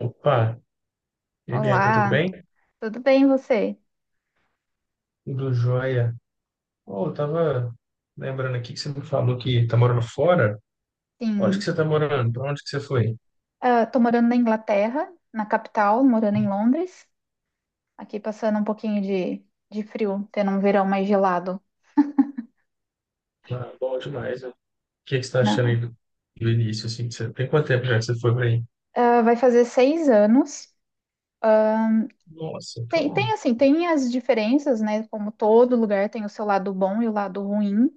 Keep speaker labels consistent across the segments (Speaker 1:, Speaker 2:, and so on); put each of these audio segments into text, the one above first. Speaker 1: Opa, e aí, Bianca, tudo
Speaker 2: Olá,
Speaker 1: bem?
Speaker 2: tudo bem você?
Speaker 1: Tudo jóia. Oh, eu tava lembrando aqui que você me falou que tá morando fora. Onde que
Speaker 2: Sim,
Speaker 1: você tá morando? Pra onde que você foi?
Speaker 2: estou tô morando na Inglaterra, na capital, morando em Londres, aqui passando um pouquinho de frio, tendo um verão mais gelado.
Speaker 1: Ah, bom demais, né? O que que você tá achando aí
Speaker 2: Não,
Speaker 1: do início, assim? Tem quanto tempo já que você foi pra aí?
Speaker 2: Ah, vai fazer seis anos.
Speaker 1: Nossa,
Speaker 2: Tem
Speaker 1: então...
Speaker 2: assim, tem as diferenças, né? Como todo lugar tem o seu lado bom e o lado ruim,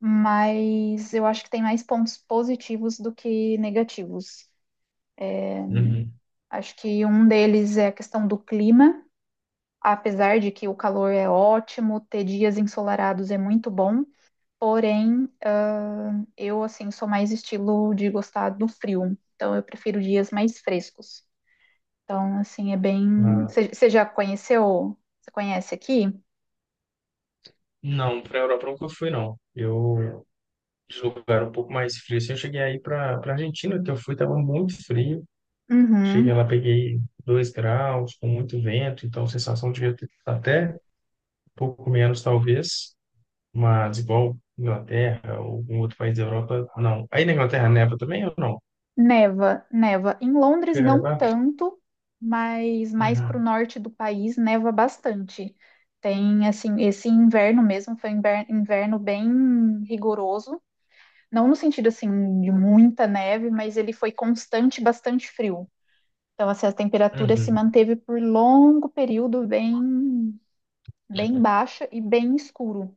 Speaker 2: mas eu acho que tem mais pontos positivos do que negativos.
Speaker 1: Uhum.
Speaker 2: Acho que um deles é a questão do clima. Apesar de que o calor é ótimo, ter dias ensolarados é muito bom, porém, eu assim sou mais estilo de gostar do frio, então eu prefiro dias mais frescos. Então, assim, é bem.
Speaker 1: Ah,
Speaker 2: Você já conheceu? Você conhece aqui?
Speaker 1: não, pra Europa eu nunca fui, não. De lugar um pouco mais frio, assim, eu cheguei aí pra Argentina, que eu fui, tava muito frio. Cheguei
Speaker 2: Uhum.
Speaker 1: lá, peguei 2 graus, com muito vento, então a sensação de até pouco menos talvez, mas igual Inglaterra ou algum outro país da Europa, não. Aí na Inglaterra neva também ou não?
Speaker 2: Neva, neva. Em Londres
Speaker 1: Chega a
Speaker 2: não
Speaker 1: nevar?
Speaker 2: tanto, mas mais para o
Speaker 1: Uhum.
Speaker 2: norte do país neva bastante. Tem assim, esse inverno mesmo foi um inverno bem rigoroso. Não no sentido assim de muita neve, mas ele foi constante, bastante frio. Então, assim, a temperatura se
Speaker 1: Uhum.
Speaker 2: manteve por longo período bem, bem baixa e bem escuro.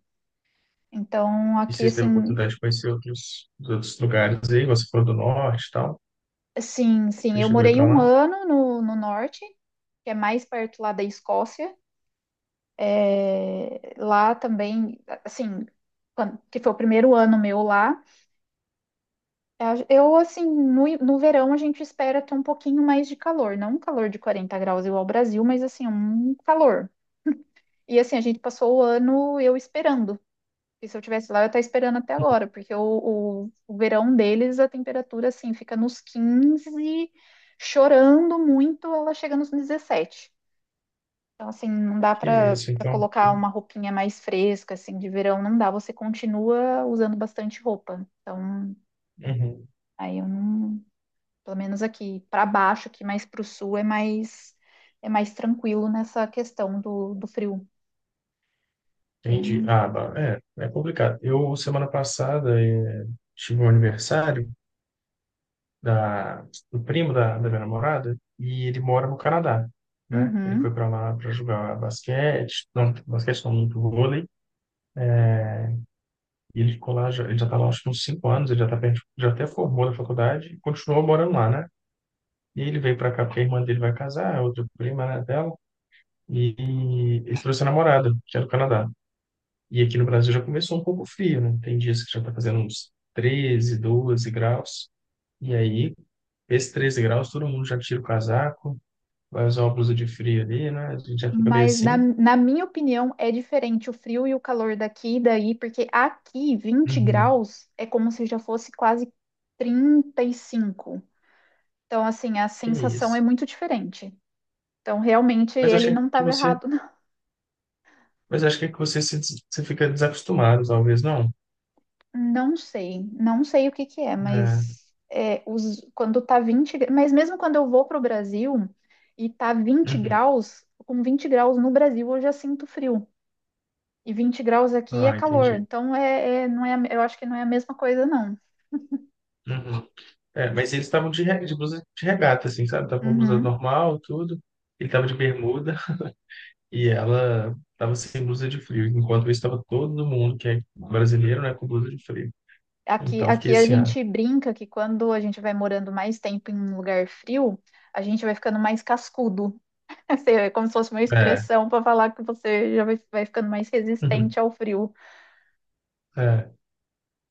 Speaker 2: Então,
Speaker 1: E
Speaker 2: aqui,
Speaker 1: vocês teve a
Speaker 2: assim,
Speaker 1: oportunidade de conhecer outros lugares aí? Você falou do norte e tal?
Speaker 2: sim,
Speaker 1: Você
Speaker 2: sim, eu
Speaker 1: chegou aí
Speaker 2: morei
Speaker 1: pra
Speaker 2: um
Speaker 1: lá?
Speaker 2: ano no norte, que é mais perto lá da Escócia. É, lá também, assim, que foi o primeiro ano meu lá. Assim, no verão a gente espera ter um pouquinho mais de calor, não um calor de 40 graus igual ao Brasil, mas assim, um calor. E assim, a gente passou o ano eu esperando. E se eu tivesse lá, eu estaria esperando até agora, porque o verão deles, a temperatura, assim, fica nos 15, chorando muito, ela chega nos 17. Então, assim, não dá
Speaker 1: Que
Speaker 2: para
Speaker 1: isso, então,
Speaker 2: colocar
Speaker 1: que...
Speaker 2: uma roupinha mais fresca, assim, de verão, não dá. Você continua usando bastante roupa. Então,
Speaker 1: Uhum.
Speaker 2: aí eu não. Pelo menos aqui para baixo, aqui mais para o sul, é mais tranquilo nessa questão do frio.
Speaker 1: Entendi.
Speaker 2: Bem...
Speaker 1: Ah, é complicado. Eu, semana passada, tive um aniversário da, do primo da minha namorada e ele mora no Canadá, né? Ele foi
Speaker 2: Uhum.
Speaker 1: para lá para jogar basquete não, muito vôlei, e ele ficou lá, já, ele já tá lá acho que uns 5 anos, ele já tá perto, já até formou na faculdade e continuou morando lá, né? E ele veio para cá porque a irmã dele vai casar, a outra prima, né, dela, e ele trouxe a namorada, que é do Canadá. E aqui no Brasil já começou um pouco frio, né? Tem dias que já tá fazendo uns 13, 12 graus, e aí, esses 13 graus, todo mundo já tira o casaco, vai usar uma blusa de frio ali, né? A gente já fica meio
Speaker 2: Mas
Speaker 1: assim.
Speaker 2: na minha opinião é diferente o frio e o calor daqui e daí, porque aqui vinte
Speaker 1: Uhum.
Speaker 2: graus é como se já fosse quase 35. Então, assim, a
Speaker 1: Que
Speaker 2: sensação é
Speaker 1: isso.
Speaker 2: muito diferente. Então, realmente,
Speaker 1: Mas eu
Speaker 2: ele
Speaker 1: achei
Speaker 2: não
Speaker 1: que
Speaker 2: estava
Speaker 1: você,
Speaker 2: errado.
Speaker 1: mas eu acho que você se, des- você fica desacostumado, talvez não.
Speaker 2: Não sei, não sei o que que é,
Speaker 1: É.
Speaker 2: mas é, os, quando tá 20, mas mesmo quando eu vou para o Brasil e tá vinte
Speaker 1: Uhum.
Speaker 2: graus, com 20 graus no Brasil eu já sinto frio. E 20 graus aqui é
Speaker 1: Ah,
Speaker 2: calor,
Speaker 1: entendi.
Speaker 2: então é, não é, eu acho que não é a mesma coisa, não.
Speaker 1: Uhum. É, mas eles estavam de blusa de regata, assim, sabe? Tava com blusa
Speaker 2: Uhum.
Speaker 1: normal, tudo. Ele tava de bermuda e ela tava sem blusa de frio. Enquanto isso, tava todo mundo que é brasileiro, né, com blusa de frio.
Speaker 2: Aqui,
Speaker 1: Então, eu fiquei
Speaker 2: aqui a
Speaker 1: assim, ah,
Speaker 2: gente brinca que quando a gente vai morando mais tempo em um lugar frio, a gente vai ficando mais cascudo. Assim, é como se fosse uma
Speaker 1: é.
Speaker 2: expressão para falar que você já vai ficando mais resistente ao frio
Speaker 1: É.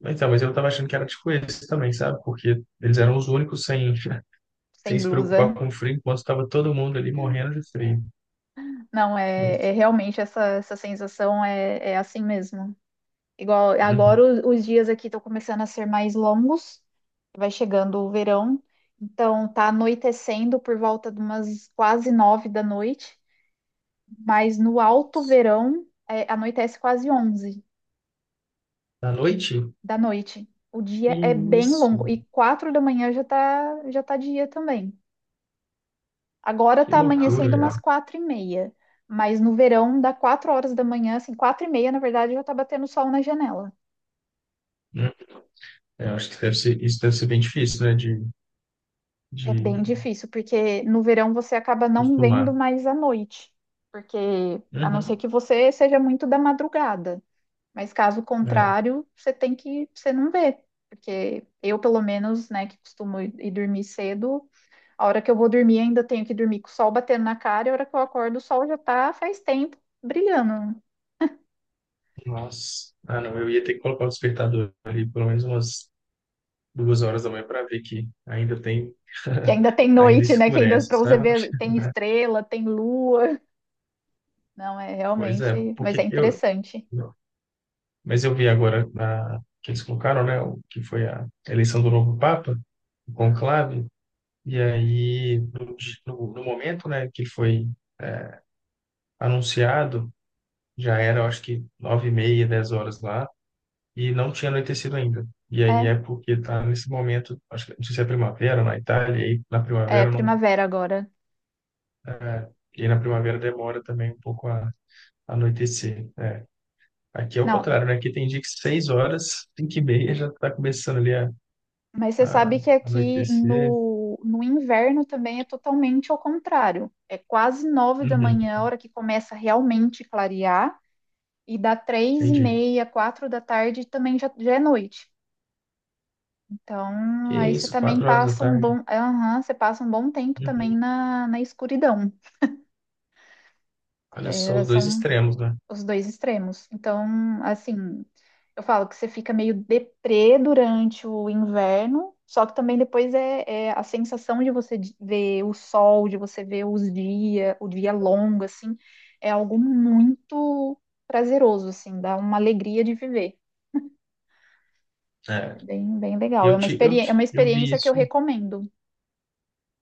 Speaker 1: Então, mas eu tava achando que era tipo esse também, sabe? Porque eles eram os únicos sem, sem
Speaker 2: sem
Speaker 1: se preocupar
Speaker 2: blusa.
Speaker 1: com o frio, enquanto tava todo mundo ali morrendo de frio.
Speaker 2: Não, é, é
Speaker 1: Mas,
Speaker 2: realmente essa, essa sensação é, é assim mesmo. Igual agora
Speaker 1: uhum.
Speaker 2: os dias aqui estão começando a ser mais longos, vai chegando o verão, então tá anoitecendo por volta de umas quase 9 da noite, mas no alto verão é, anoitece quase 11
Speaker 1: À noite?
Speaker 2: da noite. O
Speaker 1: Que
Speaker 2: dia é bem
Speaker 1: isso,
Speaker 2: longo e 4 da manhã já tá dia também. Agora
Speaker 1: que
Speaker 2: tá
Speaker 1: loucura,
Speaker 2: amanhecendo
Speaker 1: é.
Speaker 2: umas 4 e meia, mas no verão dá 4 horas da manhã, assim, 4 e meia, na verdade, já tá batendo sol na janela.
Speaker 1: Hum. É, acho que deve ser, isso deve ser bem difícil, né? De
Speaker 2: É bem difícil, porque no verão você acaba não vendo
Speaker 1: acostumar.
Speaker 2: mais à noite, porque a não ser
Speaker 1: Uhum.
Speaker 2: que você seja muito da madrugada, mas caso
Speaker 1: É.
Speaker 2: contrário, você tem que, você não vê, porque eu, pelo menos, né, que costumo ir dormir cedo, a hora que eu vou dormir ainda tenho que dormir com o sol batendo na cara, e a hora que eu acordo o sol já tá faz tempo brilhando.
Speaker 1: Nossa. Ah, não, eu ia ter que colocar o despertador ali pelo menos umas 2 horas da manhã para ver que ainda tem,
Speaker 2: Que ainda tem
Speaker 1: ainda
Speaker 2: noite, né? Que ainda
Speaker 1: escurece,
Speaker 2: para você
Speaker 1: sabe?
Speaker 2: ver tem estrela, tem lua. Não, é
Speaker 1: Pois é,
Speaker 2: realmente, mas é
Speaker 1: porque eu,
Speaker 2: interessante.
Speaker 1: mas eu vi agora que eles colocaram, né, o que foi a eleição do novo Papa, o conclave, e aí, no momento, né, que ele foi é, anunciado, já era, eu acho que, 9:30, 10 horas lá, e não tinha anoitecido ainda. E aí
Speaker 2: É,
Speaker 1: é porque está nesse momento, acho que, não sei se é primavera na Itália, e aí na
Speaker 2: é
Speaker 1: primavera não,
Speaker 2: primavera agora.
Speaker 1: é, e aí na primavera demora também um pouco a anoitecer. É. Aqui é o
Speaker 2: Não, é-
Speaker 1: contrário, né? Aqui tem dia que 6 horas, 5:30, já está começando ali.
Speaker 2: mas você sabe
Speaker 1: Ah,
Speaker 2: que aqui
Speaker 1: anoitecer.
Speaker 2: no inverno também é totalmente ao contrário. É quase nove da
Speaker 1: Uhum,
Speaker 2: manhã, a hora que começa realmente clarear, e dá três e
Speaker 1: entendi.
Speaker 2: meia, 4 da tarde também já, já é noite.
Speaker 1: Que
Speaker 2: Então, aí você
Speaker 1: isso,
Speaker 2: também
Speaker 1: quatro horas da
Speaker 2: passa um
Speaker 1: tarde.
Speaker 2: bom, aham, você passa um bom tempo também
Speaker 1: Uhum.
Speaker 2: na escuridão.
Speaker 1: Olha só
Speaker 2: É,
Speaker 1: os dois
Speaker 2: são
Speaker 1: extremos, né?
Speaker 2: os dois extremos. Então, assim, eu falo que você fica meio deprê durante o inverno, só que também depois é, é a sensação de você ver o sol, de você ver os dias, o dia longo, assim, é algo muito prazeroso, assim, dá uma alegria de viver.
Speaker 1: É,
Speaker 2: É bem, bem legal. É uma
Speaker 1: eu vi
Speaker 2: experiência que eu
Speaker 1: isso.
Speaker 2: recomendo.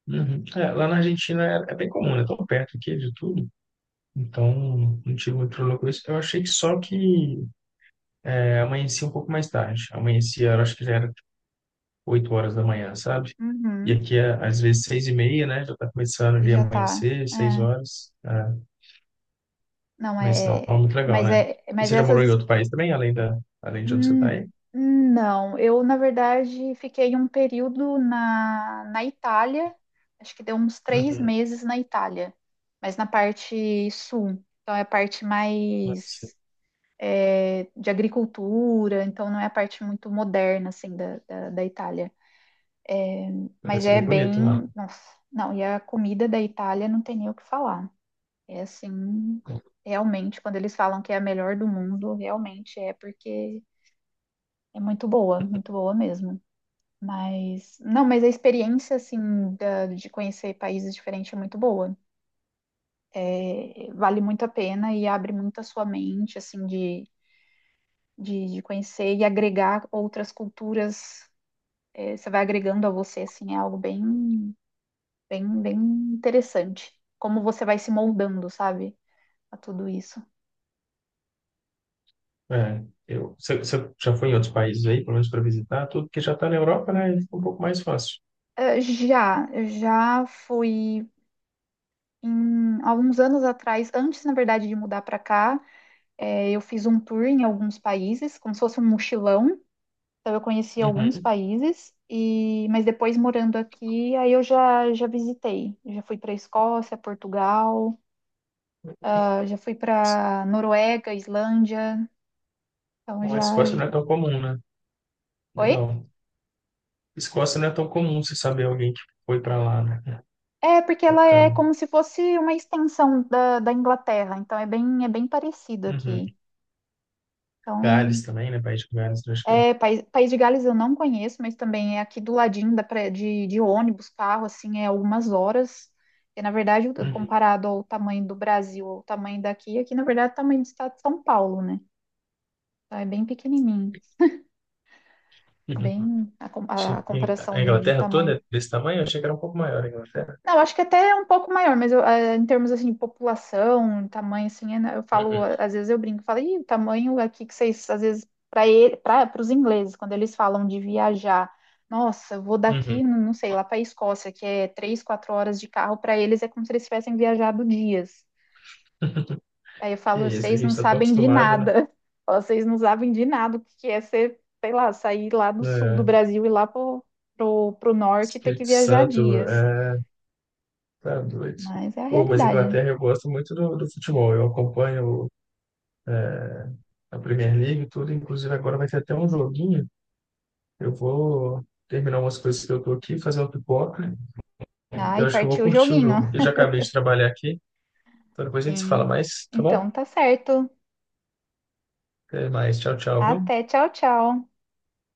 Speaker 1: Uhum. É, lá na Argentina é bem comum, é tão perto aqui de tudo. Então, não tive muito problema com isso. Eu achei que só que amanhecia um pouco mais tarde. Amanhecia, eu acho que já era tipo, 8 horas da manhã, sabe? E
Speaker 2: Uhum,
Speaker 1: aqui, às vezes, 6:30, né? Já tá começando ali a
Speaker 2: já tá.
Speaker 1: amanhecer, seis
Speaker 2: É,
Speaker 1: horas.
Speaker 2: não,
Speaker 1: Menstrual é
Speaker 2: é.
Speaker 1: muito legal,
Speaker 2: Mas,
Speaker 1: né?
Speaker 2: é,
Speaker 1: E
Speaker 2: mas
Speaker 1: você já
Speaker 2: essas
Speaker 1: morou em outro país também, além de onde você está
Speaker 2: Hum,
Speaker 1: aí?
Speaker 2: não, eu na verdade fiquei um período na Itália, acho que deu uns três
Speaker 1: Uhum.
Speaker 2: meses na Itália, mas na parte sul, então é a parte
Speaker 1: Parece.
Speaker 2: mais é, de agricultura, então não é a parte muito moderna assim da Itália, mas
Speaker 1: Parece
Speaker 2: é
Speaker 1: bem bonito lá.
Speaker 2: bem, nossa, não, e a comida da Itália não tem nem o que falar, é assim, realmente quando eles falam que é a melhor do mundo, realmente é porque é muito boa mesmo. Mas, não, mas a experiência, assim, de conhecer países diferentes é muito boa. É, vale muito a pena e abre muito a sua mente, assim, de conhecer e agregar outras culturas. É, você vai agregando a você, assim, é algo bem, bem, bem interessante. Como você vai se moldando, sabe, a tudo isso.
Speaker 1: É, você já foi em outros países aí, pelo menos para visitar, tudo que já está na Europa, né? Fica um pouco mais fácil.
Speaker 2: É, já, eu já fui, em, alguns anos atrás, antes, na verdade, de mudar para cá. É, eu fiz um tour em alguns países, como se fosse um mochilão. Então eu conheci alguns
Speaker 1: Uhum.
Speaker 2: países e, mas depois morando aqui, aí eu já visitei. Eu já fui para Escócia, Portugal, ah, já fui para Noruega, Islândia. Então
Speaker 1: Bom, a
Speaker 2: já.
Speaker 1: Escócia não é tão comum, né?
Speaker 2: Oi?
Speaker 1: Legal. Escócia não é tão comum você saber alguém que foi para lá, né? É,
Speaker 2: É porque ela é
Speaker 1: bacana.
Speaker 2: como se fosse uma extensão da Inglaterra. Então é bem parecido
Speaker 1: Uhum.
Speaker 2: aqui.
Speaker 1: Gales
Speaker 2: Então
Speaker 1: também, né? País de Gales, eu acho que é.
Speaker 2: é, País, País de Gales eu não conheço, mas também é aqui do ladinho da de ônibus, carro, assim, é algumas horas. E, na verdade,
Speaker 1: Uhum.
Speaker 2: comparado ao tamanho do Brasil, ao tamanho daqui, aqui, na verdade, é o tamanho do estado de São Paulo, né? Então, é bem pequenininho,
Speaker 1: Uhum.
Speaker 2: bem a,
Speaker 1: Achei
Speaker 2: a
Speaker 1: que a
Speaker 2: comparação de
Speaker 1: Inglaterra toda
Speaker 2: tamanho.
Speaker 1: é desse tamanho, eu achei que era um pouco maior a Inglaterra.
Speaker 2: Não, acho que até é um pouco maior, mas eu, em termos assim, de população, tamanho, assim, é- né, eu falo,
Speaker 1: Uhum.
Speaker 2: às vezes eu brinco, falo, Ih, o tamanho aqui que vocês, às vezes, para ele, para os ingleses, quando eles falam de viajar, nossa, eu vou daqui,
Speaker 1: Uhum.
Speaker 2: não sei, lá para a Escócia, que é três, quatro horas de carro, para eles é como se eles tivessem viajado dias. Aí eu
Speaker 1: Que
Speaker 2: falo,
Speaker 1: isso, a
Speaker 2: vocês
Speaker 1: gente
Speaker 2: não
Speaker 1: está tão
Speaker 2: sabem de
Speaker 1: acostumado, né?
Speaker 2: nada, vocês não sabem de nada o que que é ser, sei lá, sair lá do sul do
Speaker 1: É,
Speaker 2: Brasil e lá pro norte e ter
Speaker 1: Espírito
Speaker 2: que viajar
Speaker 1: Santo,
Speaker 2: dias.
Speaker 1: é, tá doido.
Speaker 2: Mas é a
Speaker 1: Pô, mas
Speaker 2: realidade,
Speaker 1: Inglaterra eu gosto muito do futebol, eu acompanho a Premier League e tudo, inclusive agora vai ter até um joguinho, eu vou terminar umas coisas que eu tô aqui, fazer uma pipoca, eu
Speaker 2: ai,
Speaker 1: acho que eu vou
Speaker 2: partiu o
Speaker 1: curtir o
Speaker 2: joguinho.
Speaker 1: jogo, eu já acabei de trabalhar aqui, então depois a gente se fala
Speaker 2: Sim.
Speaker 1: mais, tá bom?
Speaker 2: Então tá certo.
Speaker 1: Até mais, tchau, tchau, viu?
Speaker 2: Até, tchau, tchau.